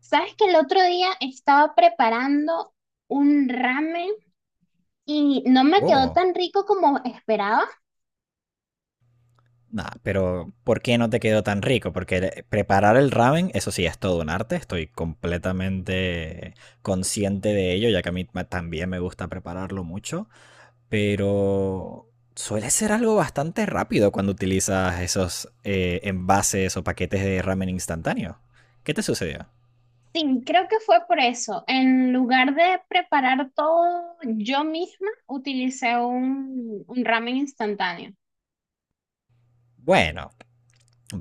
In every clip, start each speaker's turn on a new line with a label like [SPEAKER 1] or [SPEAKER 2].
[SPEAKER 1] Sabes que el otro día estaba preparando un ramen y no me quedó
[SPEAKER 2] Oh,
[SPEAKER 1] tan rico como esperaba.
[SPEAKER 2] nada, pero ¿por qué no te quedó tan rico? Porque preparar el ramen, eso sí, es todo un arte. Estoy completamente consciente de ello, ya que a mí también me gusta prepararlo mucho. Pero suele ser algo bastante rápido cuando utilizas esos envases o paquetes de ramen instantáneo. ¿Qué te sucedió?
[SPEAKER 1] Sí, creo que fue por eso. En lugar de preparar todo yo misma, utilicé un ramen instantáneo.
[SPEAKER 2] Bueno,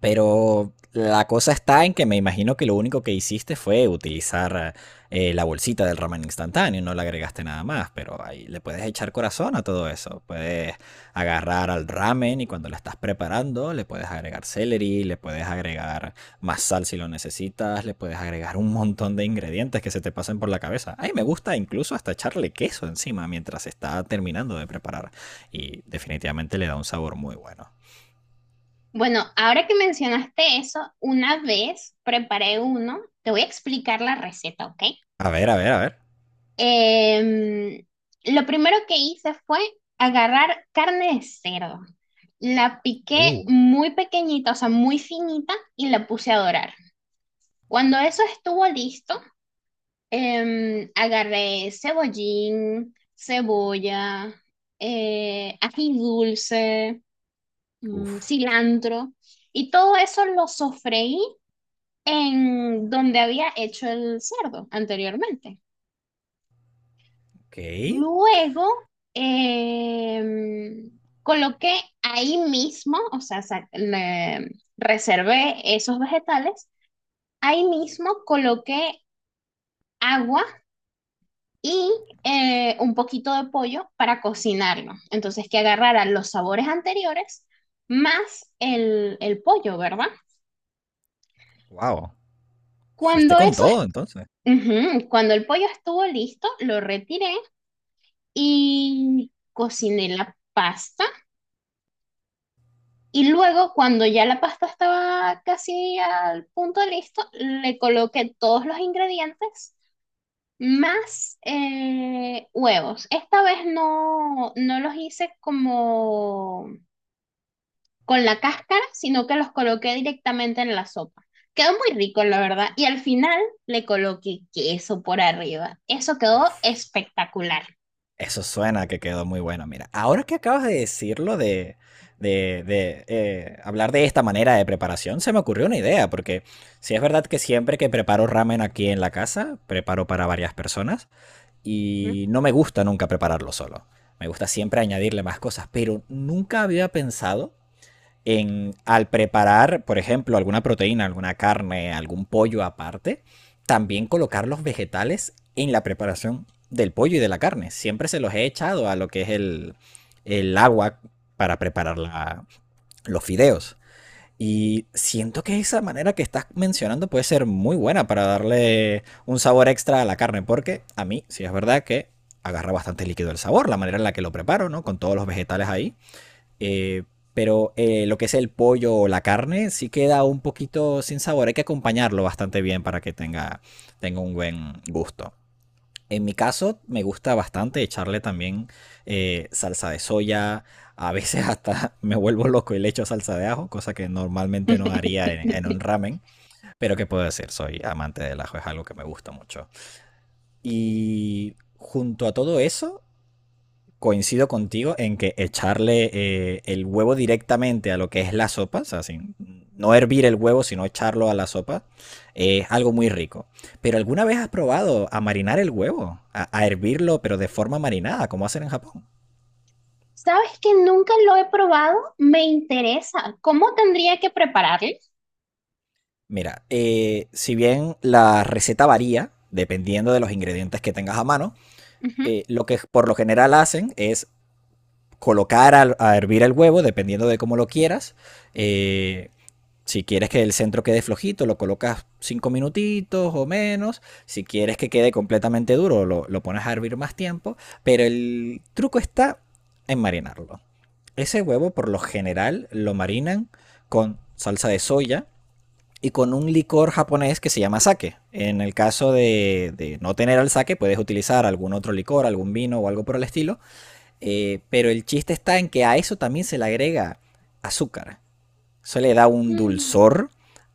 [SPEAKER 2] pero la cosa está en que me imagino que lo único que hiciste fue utilizar la bolsita del ramen instantáneo, no le agregaste nada más, pero ahí le puedes echar corazón a todo eso. Puedes agarrar al ramen y cuando lo estás preparando le puedes agregar celery, le puedes agregar más sal si lo necesitas, le puedes agregar un montón de ingredientes que se te pasen por la cabeza. Ay, me gusta incluso hasta echarle queso encima mientras está terminando de preparar y definitivamente le da un sabor muy bueno.
[SPEAKER 1] Bueno, ahora que mencionaste eso, una vez preparé uno, te voy a explicar la receta, ¿ok?
[SPEAKER 2] A ver, a ver, a ver.
[SPEAKER 1] Em, lo primero que hice fue agarrar carne de cerdo. La piqué
[SPEAKER 2] Uh,
[SPEAKER 1] muy pequeñita, o sea, muy finita, y la puse a dorar. Cuando eso estuvo listo, agarré cebollín, cebolla, ají dulce,
[SPEAKER 2] Uf.
[SPEAKER 1] cilantro, y todo eso lo sofreí en donde había hecho el cerdo anteriormente.
[SPEAKER 2] Ok.
[SPEAKER 1] Luego coloqué ahí mismo, o sea, reservé esos vegetales. Ahí mismo coloqué agua y un poquito de pollo para cocinarlo. Entonces, que agarrara los sabores anteriores más el pollo, ¿verdad?
[SPEAKER 2] Wow. Fuiste
[SPEAKER 1] Cuando
[SPEAKER 2] con
[SPEAKER 1] eso,
[SPEAKER 2] todo entonces.
[SPEAKER 1] est- Ujú, cuando el pollo estuvo listo, lo retiré y cociné la pasta. Y luego, cuando ya la pasta estaba casi al punto de listo, le coloqué todos los ingredientes más huevos. Esta vez no los hice como con la cáscara, sino que los coloqué directamente en la sopa. Quedó muy rico, la verdad. Y al final le coloqué queso por arriba. Eso quedó
[SPEAKER 2] Uf.
[SPEAKER 1] espectacular.
[SPEAKER 2] Eso suena que quedó muy bueno. Mira, ahora que acabas de decirlo de hablar de esta manera de preparación, se me ocurrió una idea, porque si es verdad que siempre que preparo ramen aquí en la casa, preparo para varias personas y no me gusta nunca prepararlo solo. Me gusta siempre añadirle más cosas, pero nunca había pensado en, al preparar, por ejemplo, alguna proteína, alguna carne, algún pollo aparte, también colocar los vegetales en la preparación del pollo y de la carne. Siempre se los he echado a lo que es el agua para preparar la, los fideos. Y siento que esa manera que estás mencionando puede ser muy buena para darle un sabor extra a la carne, porque a mí sí es verdad que agarra bastante líquido el sabor, la manera en la que lo preparo, ¿no? Con todos los vegetales ahí. Eh, pero lo que es el pollo o la carne sí queda un poquito sin sabor. Hay que acompañarlo bastante bien para que tenga, tenga un buen gusto. En mi caso, me gusta bastante echarle también salsa de soya. A veces hasta me vuelvo loco y le echo salsa de ajo, cosa que normalmente no haría en, un ramen. Pero qué puedo decir, soy amante del ajo, es algo que me gusta mucho. Y junto a todo eso, coincido contigo en que echarle el huevo directamente a lo que es la sopa, o sea, sin, no hervir el huevo, sino echarlo a la sopa, es algo muy rico. Pero ¿alguna vez has probado a marinar el huevo? A hervirlo, pero de forma marinada, como hacen en Japón.
[SPEAKER 1] ¿Sabes que nunca lo he probado? Me interesa. ¿Cómo tendría que prepararlo?
[SPEAKER 2] Mira, si bien la receta varía, dependiendo de los ingredientes que tengas a mano, lo que por lo general hacen es colocar a hervir el huevo, dependiendo de cómo lo quieras. eh, Si quieres que el centro quede flojito, lo colocas 5 minutitos o menos. Si quieres que quede completamente duro, lo pones a hervir más tiempo. Pero el truco está en marinarlo. Ese huevo por lo general lo marinan con salsa de soya y con un licor japonés que se llama sake. En el caso de no tener al sake, puedes utilizar algún otro licor, algún vino o algo por el estilo. Pero el chiste está en que a eso también se le agrega azúcar. Eso le da un dulzor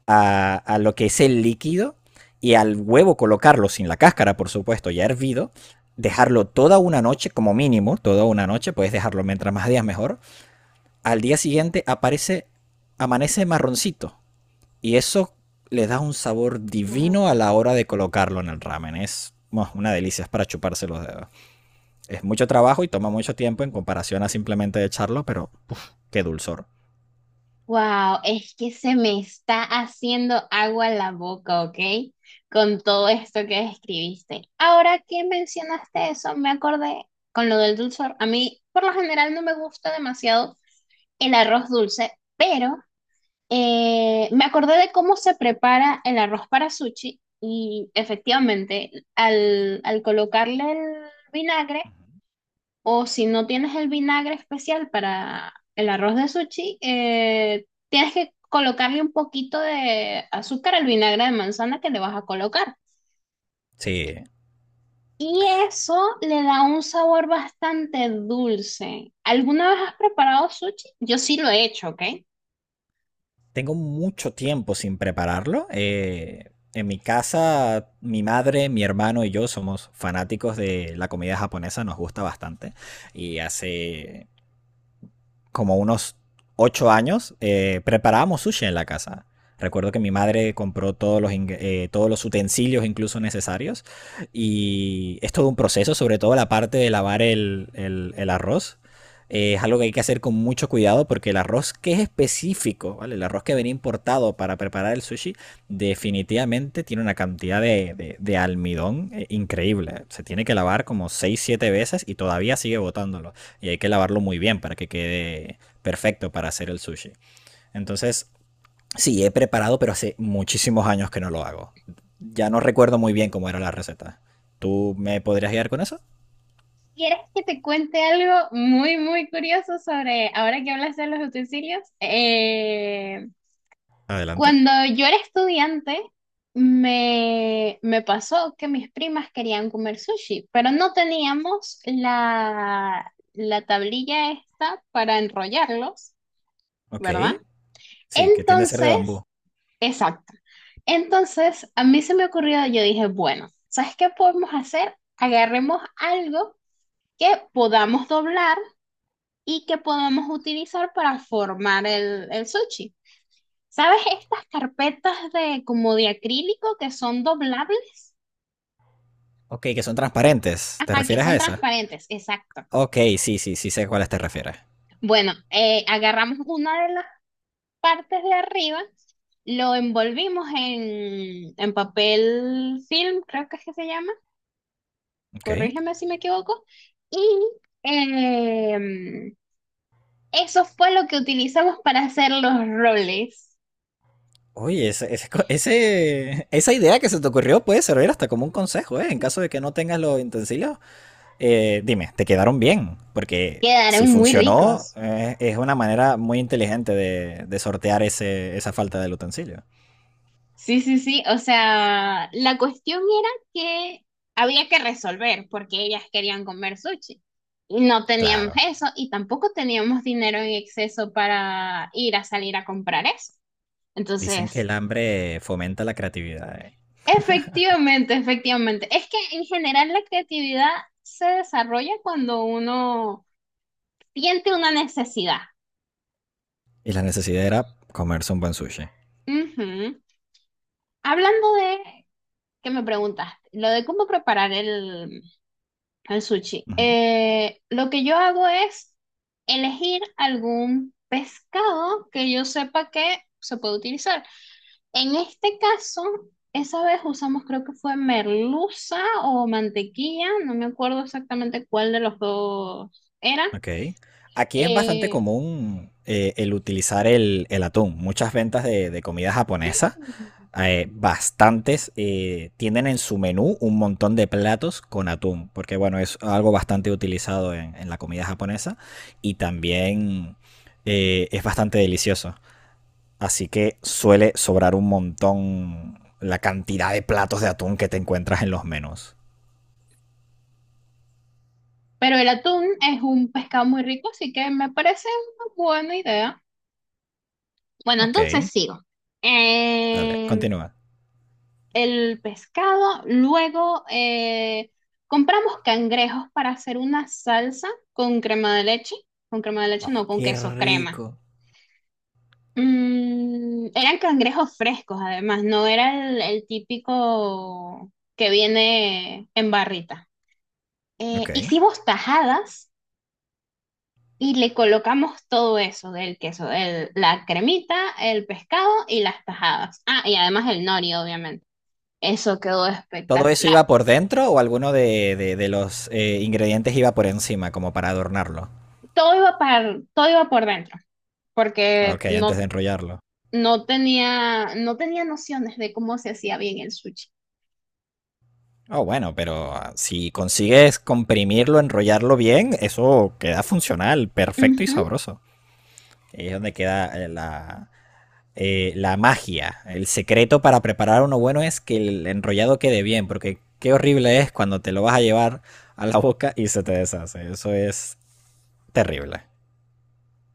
[SPEAKER 2] a lo que es el líquido y al huevo colocarlo sin la cáscara, por supuesto, ya hervido, dejarlo toda una noche como mínimo, toda una noche, puedes dejarlo mientras más días mejor. Al día siguiente aparece, amanece marroncito y eso le da un sabor
[SPEAKER 1] Wow.
[SPEAKER 2] divino a la hora de colocarlo en el ramen. Es bueno, una delicia, es para chuparse los dedos. Es mucho trabajo y toma mucho tiempo en comparación a simplemente echarlo, pero uf, qué dulzor.
[SPEAKER 1] Wow, es que se me está haciendo agua la boca, ¿ok? Con todo esto que describiste. Ahora que mencionaste eso, me acordé con lo del dulzor. A mí, por lo general, no me gusta demasiado el arroz dulce, pero me acordé de cómo se prepara el arroz para sushi y efectivamente, al colocarle el vinagre. O si no tienes el vinagre especial para el arroz de sushi, tienes que colocarle un poquito de azúcar al vinagre de manzana que le vas a colocar.
[SPEAKER 2] Sí,
[SPEAKER 1] Y eso le da un sabor bastante dulce. ¿Alguna vez has preparado sushi? Yo sí lo he hecho, ¿ok?
[SPEAKER 2] tengo mucho tiempo sin prepararlo. En mi casa, mi madre, mi hermano y yo somos fanáticos de la comida japonesa, nos gusta bastante. Y hace como unos 8 años, preparábamos sushi en la casa. Recuerdo que mi madre compró todos los utensilios incluso necesarios y es todo un proceso, sobre todo la parte de lavar el arroz. Es algo que hay que hacer con mucho cuidado porque el arroz que es específico, ¿vale? El arroz que venía importado para preparar el sushi, definitivamente tiene una cantidad de almidón increíble. Se tiene que lavar como seis siete veces y todavía sigue botándolo y hay que lavarlo muy bien para que quede perfecto para hacer el sushi. Entonces, sí, he preparado, pero hace muchísimos años que no lo hago. Ya no recuerdo muy bien cómo era la receta. ¿Tú me podrías guiar con eso?
[SPEAKER 1] ¿Quieres que te cuente algo muy, muy curioso sobre, ahora que hablas de los utensilios?
[SPEAKER 2] Adelante.
[SPEAKER 1] Cuando yo era estudiante, me pasó que mis primas querían comer sushi, pero no teníamos la tablilla esta para enrollarlos,
[SPEAKER 2] Ok.
[SPEAKER 1] ¿verdad?
[SPEAKER 2] Sí, que tiende a ser de bambú.
[SPEAKER 1] Entonces, exacto. Entonces, a mí se me ocurrió, yo dije, bueno, ¿sabes qué podemos hacer? Agarremos algo que podamos doblar y que podamos utilizar para formar el sushi. ¿Sabes estas carpetas de como de acrílico que son doblables?
[SPEAKER 2] Ok, que son transparentes. ¿Te
[SPEAKER 1] Ajá, que
[SPEAKER 2] refieres
[SPEAKER 1] son
[SPEAKER 2] a esa?
[SPEAKER 1] transparentes, exacto.
[SPEAKER 2] Ok, sí, sí, sí sé a cuáles te refieres.
[SPEAKER 1] Bueno, agarramos una de las partes de arriba, lo envolvimos en papel film, creo que es que se llama,
[SPEAKER 2] Ok.
[SPEAKER 1] corrígeme si me equivoco, y em, eso fue lo que utilizamos para hacer los roles.
[SPEAKER 2] Oye, ese esa idea que se te ocurrió puede servir hasta como un consejo, ¿eh? En caso de que no tengas los utensilios. Dime, ¿te quedaron bien? Porque si
[SPEAKER 1] Quedaron muy
[SPEAKER 2] funcionó,
[SPEAKER 1] ricos.
[SPEAKER 2] es una manera muy inteligente de sortear ese, esa falta del utensilio.
[SPEAKER 1] Sí, sí, sí. O sea, la cuestión era que había que resolver porque ellas querían comer sushi. Y no teníamos
[SPEAKER 2] Claro,
[SPEAKER 1] eso y tampoco teníamos dinero en exceso para ir a salir a comprar eso.
[SPEAKER 2] dicen que
[SPEAKER 1] Entonces,
[SPEAKER 2] el hambre fomenta la creatividad, ¿eh?
[SPEAKER 1] efectivamente, efectivamente. Es que en general la creatividad se desarrolla cuando uno siente una necesidad.
[SPEAKER 2] Y la necesidad era comerse un buen sushi.
[SPEAKER 1] Ujú. Hablando de, que me preguntaste, lo de cómo preparar el. El sushi.
[SPEAKER 2] Ujú.
[SPEAKER 1] Lo que yo hago es elegir algún pescado que yo sepa que se puede utilizar. En este caso, esa vez usamos, creo que fue merluza o mantequilla, no me acuerdo exactamente cuál de los dos era.
[SPEAKER 2] Ok. Aquí es bastante
[SPEAKER 1] Eh,
[SPEAKER 2] común el utilizar el atún. Muchas ventas de comida japonesa,
[SPEAKER 1] mm,
[SPEAKER 2] bastantes, tienen en su menú un montón de platos con atún, porque bueno, es algo bastante utilizado en la comida japonesa y también es bastante delicioso. Así que suele sobrar un montón la cantidad de platos de atún que te encuentras en los menús.
[SPEAKER 1] pero el atún es un pescado muy rico, así que me parece una buena idea. Bueno,
[SPEAKER 2] Ok,
[SPEAKER 1] entonces sigo.
[SPEAKER 2] dale,
[SPEAKER 1] Em,
[SPEAKER 2] continúa.
[SPEAKER 1] el pescado, luego compramos cangrejos para hacer una salsa con crema de leche, con crema de leche no,
[SPEAKER 2] Oh,
[SPEAKER 1] con
[SPEAKER 2] qué
[SPEAKER 1] queso crema.
[SPEAKER 2] rico.
[SPEAKER 1] Mm, eran cangrejos frescos además, no era el típico que viene en barrita.
[SPEAKER 2] Ok.
[SPEAKER 1] Hicimos tajadas y le colocamos todo eso del queso, la cremita, el pescado y las tajadas. Ah, y además el nori, obviamente. Eso quedó
[SPEAKER 2] ¿Todo eso
[SPEAKER 1] espectacular.
[SPEAKER 2] iba por dentro o alguno de los ingredientes iba por encima, como para adornarlo?
[SPEAKER 1] Todo iba para, todo iba por dentro, porque
[SPEAKER 2] Ok, antes
[SPEAKER 1] no,
[SPEAKER 2] de enrollarlo.
[SPEAKER 1] no tenía nociones de cómo se hacía bien el sushi.
[SPEAKER 2] Oh, bueno, pero ah, si consigues comprimirlo, enrollarlo bien, eso queda funcional, perfecto y
[SPEAKER 1] Ujú.
[SPEAKER 2] sabroso. Ahí es donde queda la magia. El secreto para preparar uno bueno es que el enrollado quede bien, porque qué horrible es cuando te lo vas a llevar a la boca y se te deshace. Eso es terrible.